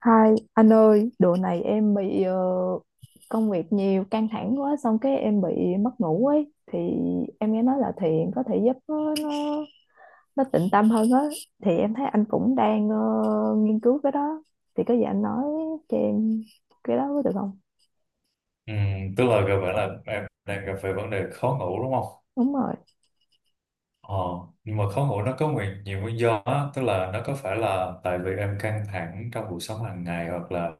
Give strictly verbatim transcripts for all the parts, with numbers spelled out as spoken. Hai anh ơi, độ này em bị ờ, công việc nhiều căng thẳng quá xong cái em bị mất ngủ ấy thì em nghe nói là thiền có thể giúp nó nó, nó tịnh tâm hơn á thì em thấy anh cũng đang ờ, nghiên cứu cái đó thì có gì anh nói cho em cái đó có được không? Ừ, tức là gặp bạn là em đang gặp phải vấn đề khó ngủ đúng không? Đúng rồi. Ờ, nhưng mà khó ngủ nó có nguyên, nhiều nguyên do á, tức là nó có phải là tại vì em căng thẳng trong cuộc sống hàng ngày hoặc là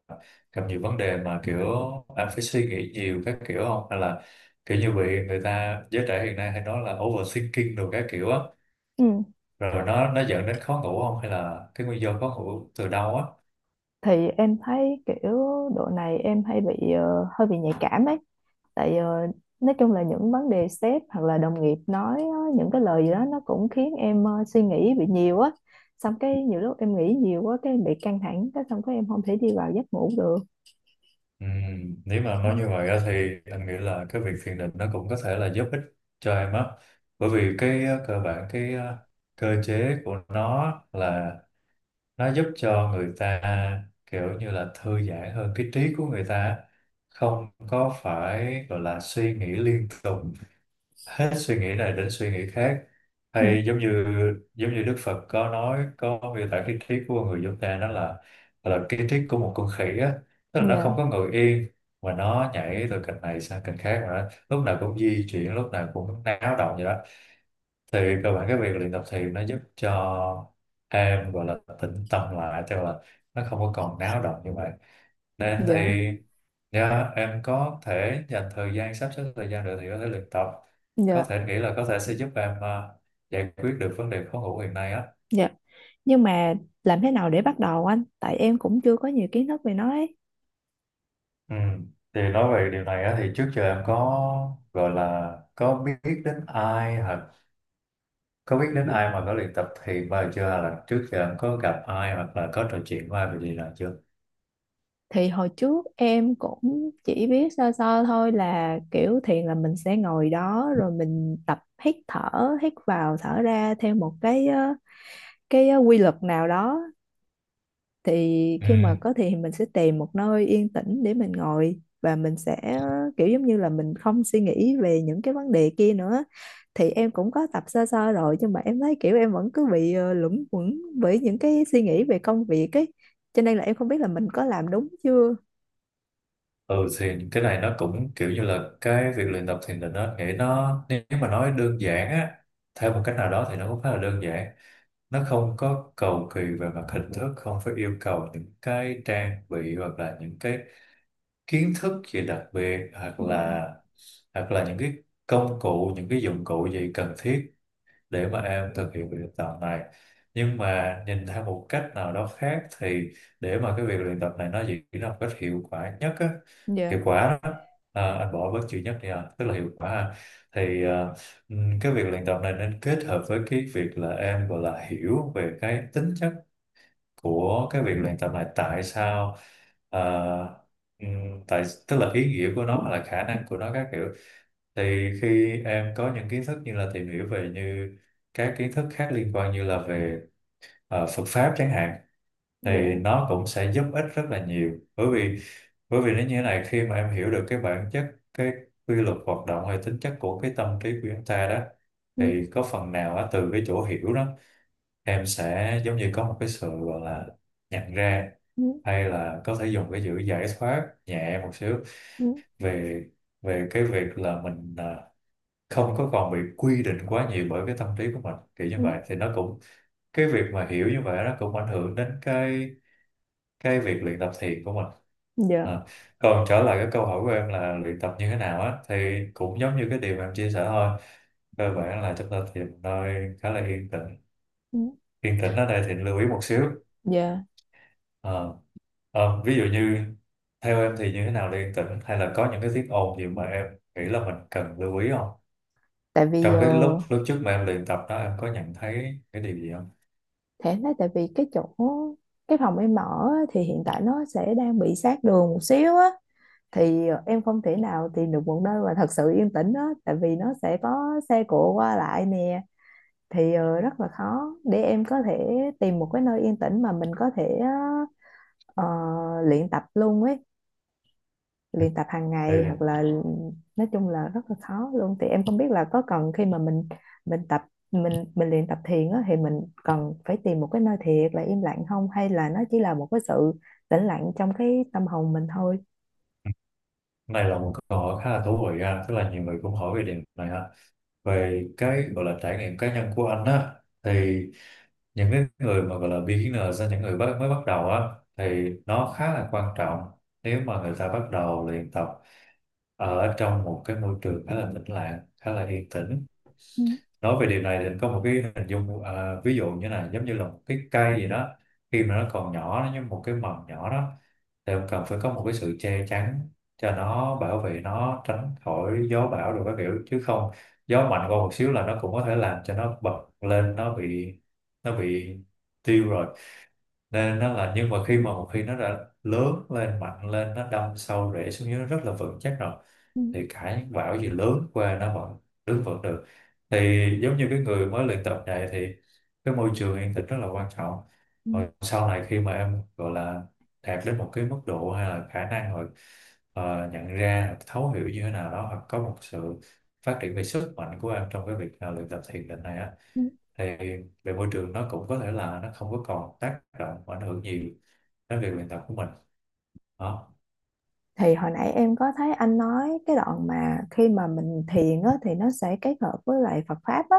gặp nhiều vấn đề mà kiểu em phải suy nghĩ nhiều các kiểu không? Hay là kiểu như bị người ta giới trẻ hiện nay hay nói là overthinking đồ các kiểu á, Ừ. rồi nó nó dẫn đến khó ngủ không? Hay là cái nguyên do khó ngủ từ đâu á? Thì em thấy kiểu độ này em hay bị ờ, hơi bị nhạy cảm ấy tại ờ, nói chung là những vấn đề sếp hoặc là đồng nghiệp nói á, những cái lời gì đó nó cũng khiến em ờ, suy nghĩ bị nhiều á xong cái nhiều lúc em nghĩ nhiều quá cái em bị căng thẳng cái xong cái em không thể đi vào giấc ngủ được. Ừ, nếu mà nói như vậy á thì anh nghĩ là cái việc thiền định nó cũng có thể là giúp ích cho em á, bởi vì cái ờ, cơ bản cái ờ, cơ chế của nó là nó giúp cho người ta kiểu như là thư giãn hơn cái trí của người ta, không có phải gọi là suy nghĩ liên tục, hết suy nghĩ này đến suy nghĩ khác, Ừ, hay giống như giống như Đức Phật có nói, có miêu tả cái triết của người chúng ta đó là là cái triết của một con khỉ á, tức là nó không dạ có ngồi yên mà nó nhảy từ cành này sang cành khác, mà nó lúc nào cũng di chuyển, lúc nào cũng náo động vậy đó. Thì cơ bản cái việc luyện tập thiền nó giúp cho em gọi là tĩnh tâm lại, tức là nó không có còn náo động như vậy nên dạ thì yeah, em có thể dành thời gian, sắp xếp thời gian được thì có thể luyện tập, có dạ thể nghĩ là có thể sẽ giúp em ờ, giải quyết được vấn đề khó ngủ hiện nay á. dạ. Nhưng mà làm thế nào để bắt đầu anh tại em cũng chưa có nhiều kiến thức về nó ấy. Ừ. Thì nói về điều này á, thì trước giờ em có gọi là có biết đến ai, hoặc có biết đến ai mà có luyện tập thiền bao giờ chưa, hay là trước giờ em có gặp ai hoặc là có trò chuyện với ai về điều này chưa? Thì hồi trước em cũng chỉ biết sơ sơ thôi là kiểu thiền là mình sẽ ngồi đó rồi mình tập hít thở hít vào thở ra theo một cái ờ, cái ờ, quy luật nào đó thì Ừ. khi mà có thì mình sẽ tìm một nơi yên tĩnh để mình ngồi và mình sẽ ờ, kiểu giống như là mình không suy nghĩ về những cái vấn đề kia nữa thì em cũng có tập sơ sơ rồi nhưng mà em thấy kiểu em vẫn cứ bị ờ, luẩn quẩn bởi những cái suy nghĩ về công việc ấy cho nên là em không biết là mình có làm đúng chưa. Ừ, thì cái này nó cũng kiểu như là cái việc luyện tập thiền định nó nghĩa nó nếu mà nói đơn giản á, theo một cách nào đó thì nó cũng khá là đơn giản, nó không có cầu kỳ về mặt hình thức, không phải yêu cầu những cái trang bị hoặc là những cái kiến thức gì đặc biệt, hoặc Dạ là hoặc là những cái công cụ, những cái dụng cụ gì cần thiết để mà em thực hiện việc luyện tập này. Nhưng mà nhìn theo một cách nào đó khác thì để mà cái việc luyện tập này nó diễn ra một cách hiệu quả nhất á, hiệu dạ quả đó. À, anh bỏ bớt chữ nhất đi à, tức là hiệu quả ha. Thì à, ừm, cái việc luyện tập này nên kết hợp với cái việc là em gọi là hiểu về cái tính chất của cái việc luyện tập này, tại sao à, ừm, tại tức là ý nghĩa của nó hoặc là khả năng của nó các kiểu. Thì khi em có những kiến thức như là tìm hiểu về như các kiến thức khác liên quan như là về ờ, Phật pháp chẳng hạn, thì dạ. nó cũng sẽ giúp ích rất là nhiều, bởi vì bởi vì nó như thế này, khi mà em hiểu được cái bản chất, cái quy luật hoạt động hay tính chất của cái tâm trí của chúng ta đó, Ừ, thì có phần nào á, từ cái chỗ hiểu đó em sẽ giống như có một cái sự gọi là nhận ra, ừ, hay là có thể dùng cái chữ giải thoát nhẹ một xíu ừ, về về cái việc là mình à, không có còn bị quy định quá nhiều bởi cái tâm trí của mình, kiểu như ừ. Ừ. vậy thì nó cũng, cái việc mà hiểu như vậy nó cũng ảnh hưởng đến cái cái việc luyện tập thiền của mình. Dạ. À, còn trở lại cái câu hỏi của em là luyện tập như thế nào á, thì cũng giống như cái điều mà em chia sẻ thôi, cơ bản là chúng ta tìm nơi khá là yên tĩnh. Ừ, Yên tĩnh ở đây thì lưu ý một xíu. dạ. Ờ, ờ, Ví dụ như theo em thì như thế nào là yên tĩnh, hay là có những cái tiếng ồn gì mà em nghĩ là mình cần lưu ý không, tại vì trong ờ, cái lúc lúc trước mà em luyện tập đó em có nhận thấy cái điều gì không? Thế đấy tại vì cái chỗ cái phòng em ở á, thì hiện tại nó sẽ đang bị sát đường một xíu á thì ờ, em không thể nào tìm được một nơi mà thật sự yên tĩnh á tại vì nó sẽ có xe cộ qua lại nè thì ờ, rất là khó để em có thể tìm một cái nơi yên tĩnh mà mình có thể ờ, ờ, luyện tập luôn ấy, luyện tập hàng Thì ngày hoặc là nói chung là rất là khó luôn thì em không biết là có cần khi mà mình mình tập mình mình luyện tập thiền á, thì mình cần phải tìm một cái nơi thiệt là im lặng không hay là nó chỉ là một cái sự tĩnh lặng trong cái tâm hồn mình thôi. này là một câu hỏi khá là thú vị ha, tức là nhiều người cũng hỏi về điểm này ha. Về cái gọi là trải nghiệm cá nhân của anh á, thì những cái người mà gọi là beginner ra, những người bắt, mới bắt đầu á, thì nó khá là quan trọng nếu mà người ta bắt đầu luyện tập ở trong một cái môi trường khá là tĩnh lặng, khá là yên tĩnh. Ừ, Nói về điều này thì anh có một cái hình dung à, ví dụ như này, giống như là một cái cây gì đó, khi mà nó còn nhỏ, nó như một cái mầm nhỏ đó, thì ông cần phải có một cái sự che chắn cho nó, bảo vệ nó tránh khỏi gió bão rồi các kiểu, chứ không gió mạnh qua một xíu là nó cũng có thể làm cho nó bật lên, nó bị nó bị tiêu rồi. Nên nó là, nhưng mà khi mà một khi nó đã lớn lên, mạnh lên, nó đâm sâu rễ xuống dưới, nó rất là vững chắc rồi, ừ, thì cả những bão gì lớn qua nó vẫn đứng vững được. Thì giống như cái người mới luyện tập này thì cái môi trường yên tĩnh rất là quan trọng. ừ, Rồi sau này khi mà em gọi là đạt đến một cái mức độ hay là khả năng rồi, ờ, nhận ra, thấu hiểu như thế nào đó, hoặc có một sự phát triển về sức mạnh của em trong cái việc ờ, luyện tập thiền định này á, ừ. thì về môi trường nó cũng có thể là nó không có còn tác động và ảnh hưởng nhiều đến việc luyện tập của mình đó. Thì hồi nãy em có thấy anh nói cái đoạn mà khi mà mình thiền á, thì nó sẽ kết hợp với lại Phật pháp á,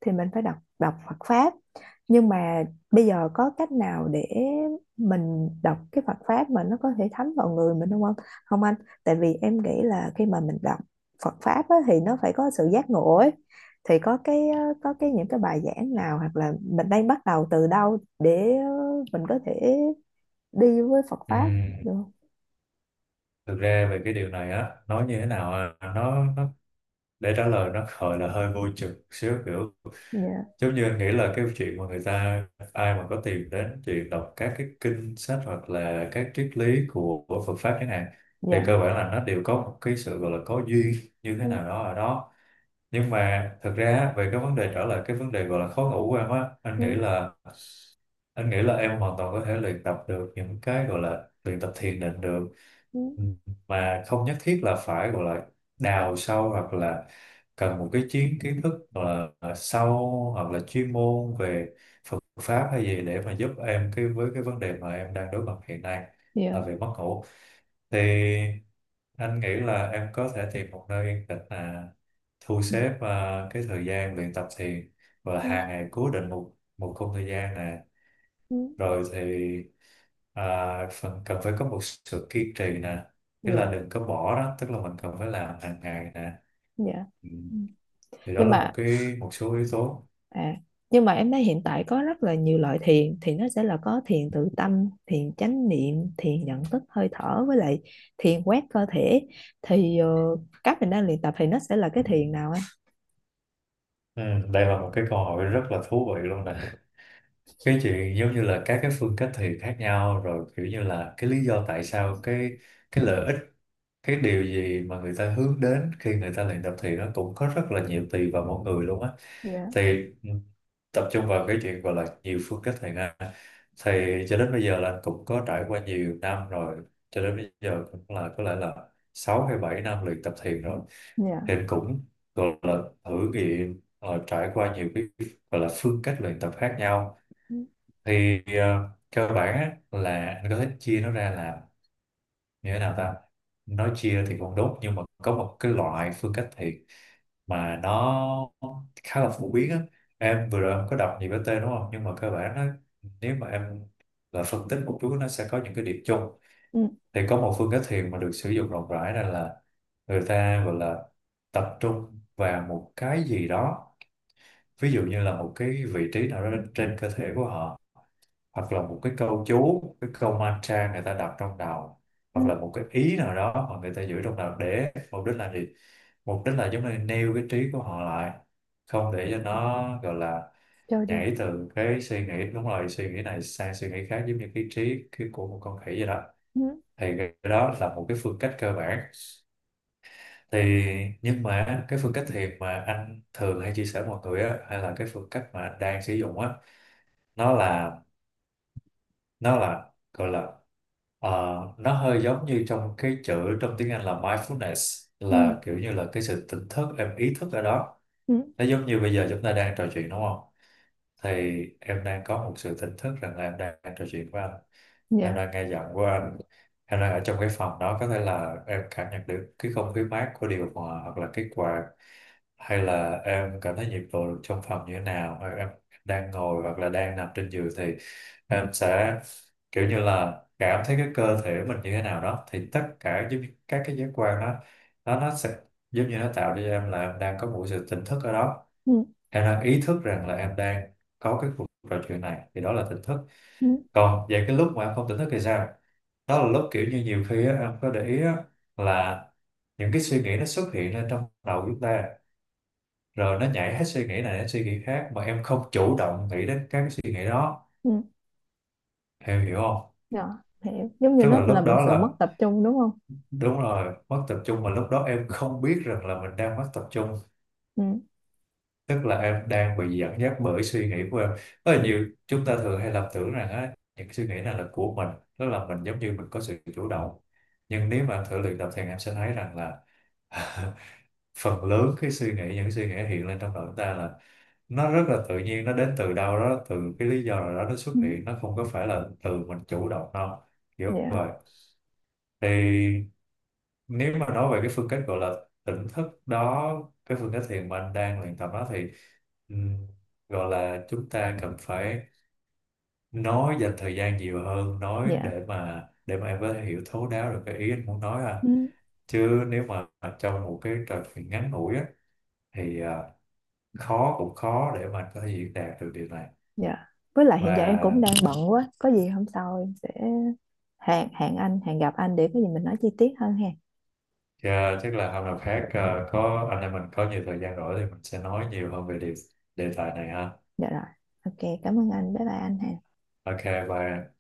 thì mình phải đọc đọc Phật pháp, nhưng mà bây giờ có cách nào để mình đọc cái Phật pháp mà nó có thể thấm vào người mình không không không anh, tại vì em nghĩ là khi mà mình đọc Phật pháp á, thì nó phải có sự giác ngộ ấy, thì có cái có cái những cái bài giảng nào hoặc là mình đang bắt đầu từ đâu để mình có thể đi với Phật pháp được Ừm, không? thực ra về cái điều này á, nói như thế nào à, nó, nó để trả lời nó gọi là hơi vô chừng xíu, kiểu Dạ giống như anh nghĩ là cái chuyện mà người ta, ai mà có tìm đến chuyện đọc các cái kinh sách hoặc là các triết lý của, của Phật pháp chẳng hạn, thì dạ. cơ bản là nó đều có một cái sự gọi là có duyên như thế Ừ. nào đó ở đó. Nhưng mà thực ra á, về cái vấn đề, trở lại cái vấn đề gọi là khó ngủ của em á, anh nghĩ Ừ, là anh nghĩ là em hoàn toàn có thể luyện tập được những cái gọi là luyện tập thiền định được. ừ, Ừ, mà không nhất thiết là phải gọi là đào sâu, hoặc là cần một cái chiến kiến thức gọi là sâu hoặc là chuyên môn về Phật pháp hay gì để mà giúp em cái với cái vấn đề mà em đang đối mặt hiện nay là dạ về mất ngủ. Thì anh nghĩ là em có thể tìm một nơi yên tĩnh, là thu ừ, xếp à, cái thời gian luyện tập thiền, và ừ, hàng ngày cố định một một khung thời gian, ừ, rồi thì à, phần cần phải có một sự kiên trì nè, tức là dạ đừng có bỏ đó, tức là mình cần phải làm hàng ngày nè. dạ. Ừ. Ừ. Thì đó Nhưng là một mà, cái một số yếu tố. à, nhưng mà em thấy hiện tại có rất là nhiều loại thiền thì nó sẽ là có thiền tự tâm, thiền chánh niệm, thiền nhận thức hơi thở, với lại thiền quét cơ thể, thì ờ, các mình đang luyện tập thì nó sẽ là cái thiền nào anh? ừ, Đây là một cái câu hỏi rất là thú vị luôn nè. Cái chuyện giống như là các cái phương cách thiền khác nhau, rồi kiểu như là cái lý do tại sao cái cái lợi ích, cái điều gì mà người ta hướng đến khi người ta luyện tập thiền, nó cũng có rất là nhiều, tùy vào mỗi người luôn á. Dạ Thì ừ, tập trung vào cái chuyện gọi là nhiều phương cách thầy ha. Thầy cho đến bây giờ là anh cũng có trải qua nhiều năm rồi, cho đến bây giờ cũng là có lẽ là sáu hay bảy năm luyện tập thiền rồi. dạ Thì anh cũng gọi là thử nghiệm, ờ, trải qua nhiều cái gọi là phương cách luyện tập khác nhau. ừ Thì ờ, cơ bản á, là anh có thể chia nó ra là như thế nào ta. Nói chia thì cũng đúng, nhưng mà có một cái loại phương cách thiền mà nó khá là phổ biến á. Em vừa rồi em có đọc nhiều cái tên đúng không, nhưng mà cơ bản nó, nếu mà em là phân tích một chút, nó sẽ có những cái điểm chung. ừ Thì có một phương cách thiền mà được sử dụng rộng rãi này là người ta gọi là tập trung vào một cái gì đó, ví dụ như là một cái vị trí nào đó trên cơ thể của họ, hoặc là một cái câu chú, cái câu mantra người ta đọc trong đầu, hoặc là ừ, một cái ý nào đó mà người ta giữ trong đầu, để mục đích là gì? Mục đích là giống như nêu cái trí của họ lại, không để cho nó gọi là cho đi nhảy từ cái suy nghĩ đúng rồi suy nghĩ này sang suy nghĩ khác, giống như cái trí cái của một con khỉ vậy đó. ừ Thì cái đó là một cái phương cách cơ bản. Thì nhưng mà cái phương cách thiền mà anh thường hay chia sẻ mọi người á, hay là cái phương cách mà anh đang sử dụng á, nó là nó là gọi là ờ, nó hơi giống như trong cái chữ trong tiếng Anh là mindfulness, ừ là kiểu như là cái sự tỉnh thức, em ý thức ở đó. ừ Nó giống như bây giờ chúng ta đang trò chuyện đúng không, thì em đang có một sự tỉnh thức rằng là em đang trò chuyện với anh, em dạ đang nghe giọng của anh, em đang ở trong cái phòng đó, có thể là em cảm nhận được cái không khí mát của điều hòa hoặc là cái quạt, hay là em cảm thấy nhiệt độ trong phòng như thế nào, hay em đang ngồi hoặc là đang nằm trên giường, thì em sẽ kiểu như là cảm thấy cái cơ thể mình như thế nào đó. Thì tất cả giống như các cái giác quan đó, nó nó sẽ giống như nó tạo cho em là em đang có một sự tỉnh thức ở đó, ừ em đang ý thức rằng là em đang có cái cuộc trò chuyện này, thì đó là tỉnh thức. ừ Còn về cái lúc mà em không tỉnh thức thì sao? Đó là lúc kiểu như nhiều khi á, em có để ý á, là những cái suy nghĩ nó xuất hiện lên trong đầu chúng ta, rồi nó nhảy hết suy nghĩ này đến suy nghĩ khác mà em không chủ động nghĩ đến các cái suy nghĩ đó. ừ Em hiểu không? dạ. Hiểu, giống như Tức nó là là lúc một đó sự mất là tập trung đúng không? đúng rồi, mất tập trung, mà lúc đó em không biết rằng là mình đang mất tập trung. Ừ Tức là em đang bị dẫn dắt bởi suy nghĩ của em. Rất là nhiều chúng ta thường hay lầm tưởng rằng á những suy nghĩ này là của mình, tức là mình giống như mình có sự chủ động. Nhưng nếu mà thử luyện tập thì em sẽ thấy rằng là phần lớn cái suy nghĩ những suy nghĩ hiện lên trong đầu chúng ta là nó rất là tự nhiên, nó đến từ đâu đó, từ cái lý do nào đó nó xuất ừ hiện, nó không có phải là từ mình chủ động đâu, kiểu dạ vậy. Thì nếu mà nói về cái phương cách gọi là tỉnh thức đó, cái phương cách thiền mà anh đang luyện tập đó thì ừm, gọi là chúng ta cần phải nói dành thời gian nhiều hơn nói dạ. để mà để mà em có thể hiểu thấu đáo được cái ý anh muốn nói à. Ừ. Chứ nếu mà trong một cái trò chuyện ngắn ngủi á, thì à, khó cũng khó để mà có thể diễn đạt được điều này. Dạ. Với lại hiện giờ em cũng Và đang bận quá, có gì hôm sau em sẽ hẹn hẹn anh, hẹn gặp anh để có gì mình nói chi tiết hơn ha. à, chắc là hôm nào khác, à, có anh em mình có nhiều thời gian rỗi thì mình sẽ nói nhiều hơn về điều đề tài này ha. Dạ rồi. Ok, cảm ơn anh. Bye bye anh ha. OK, bye.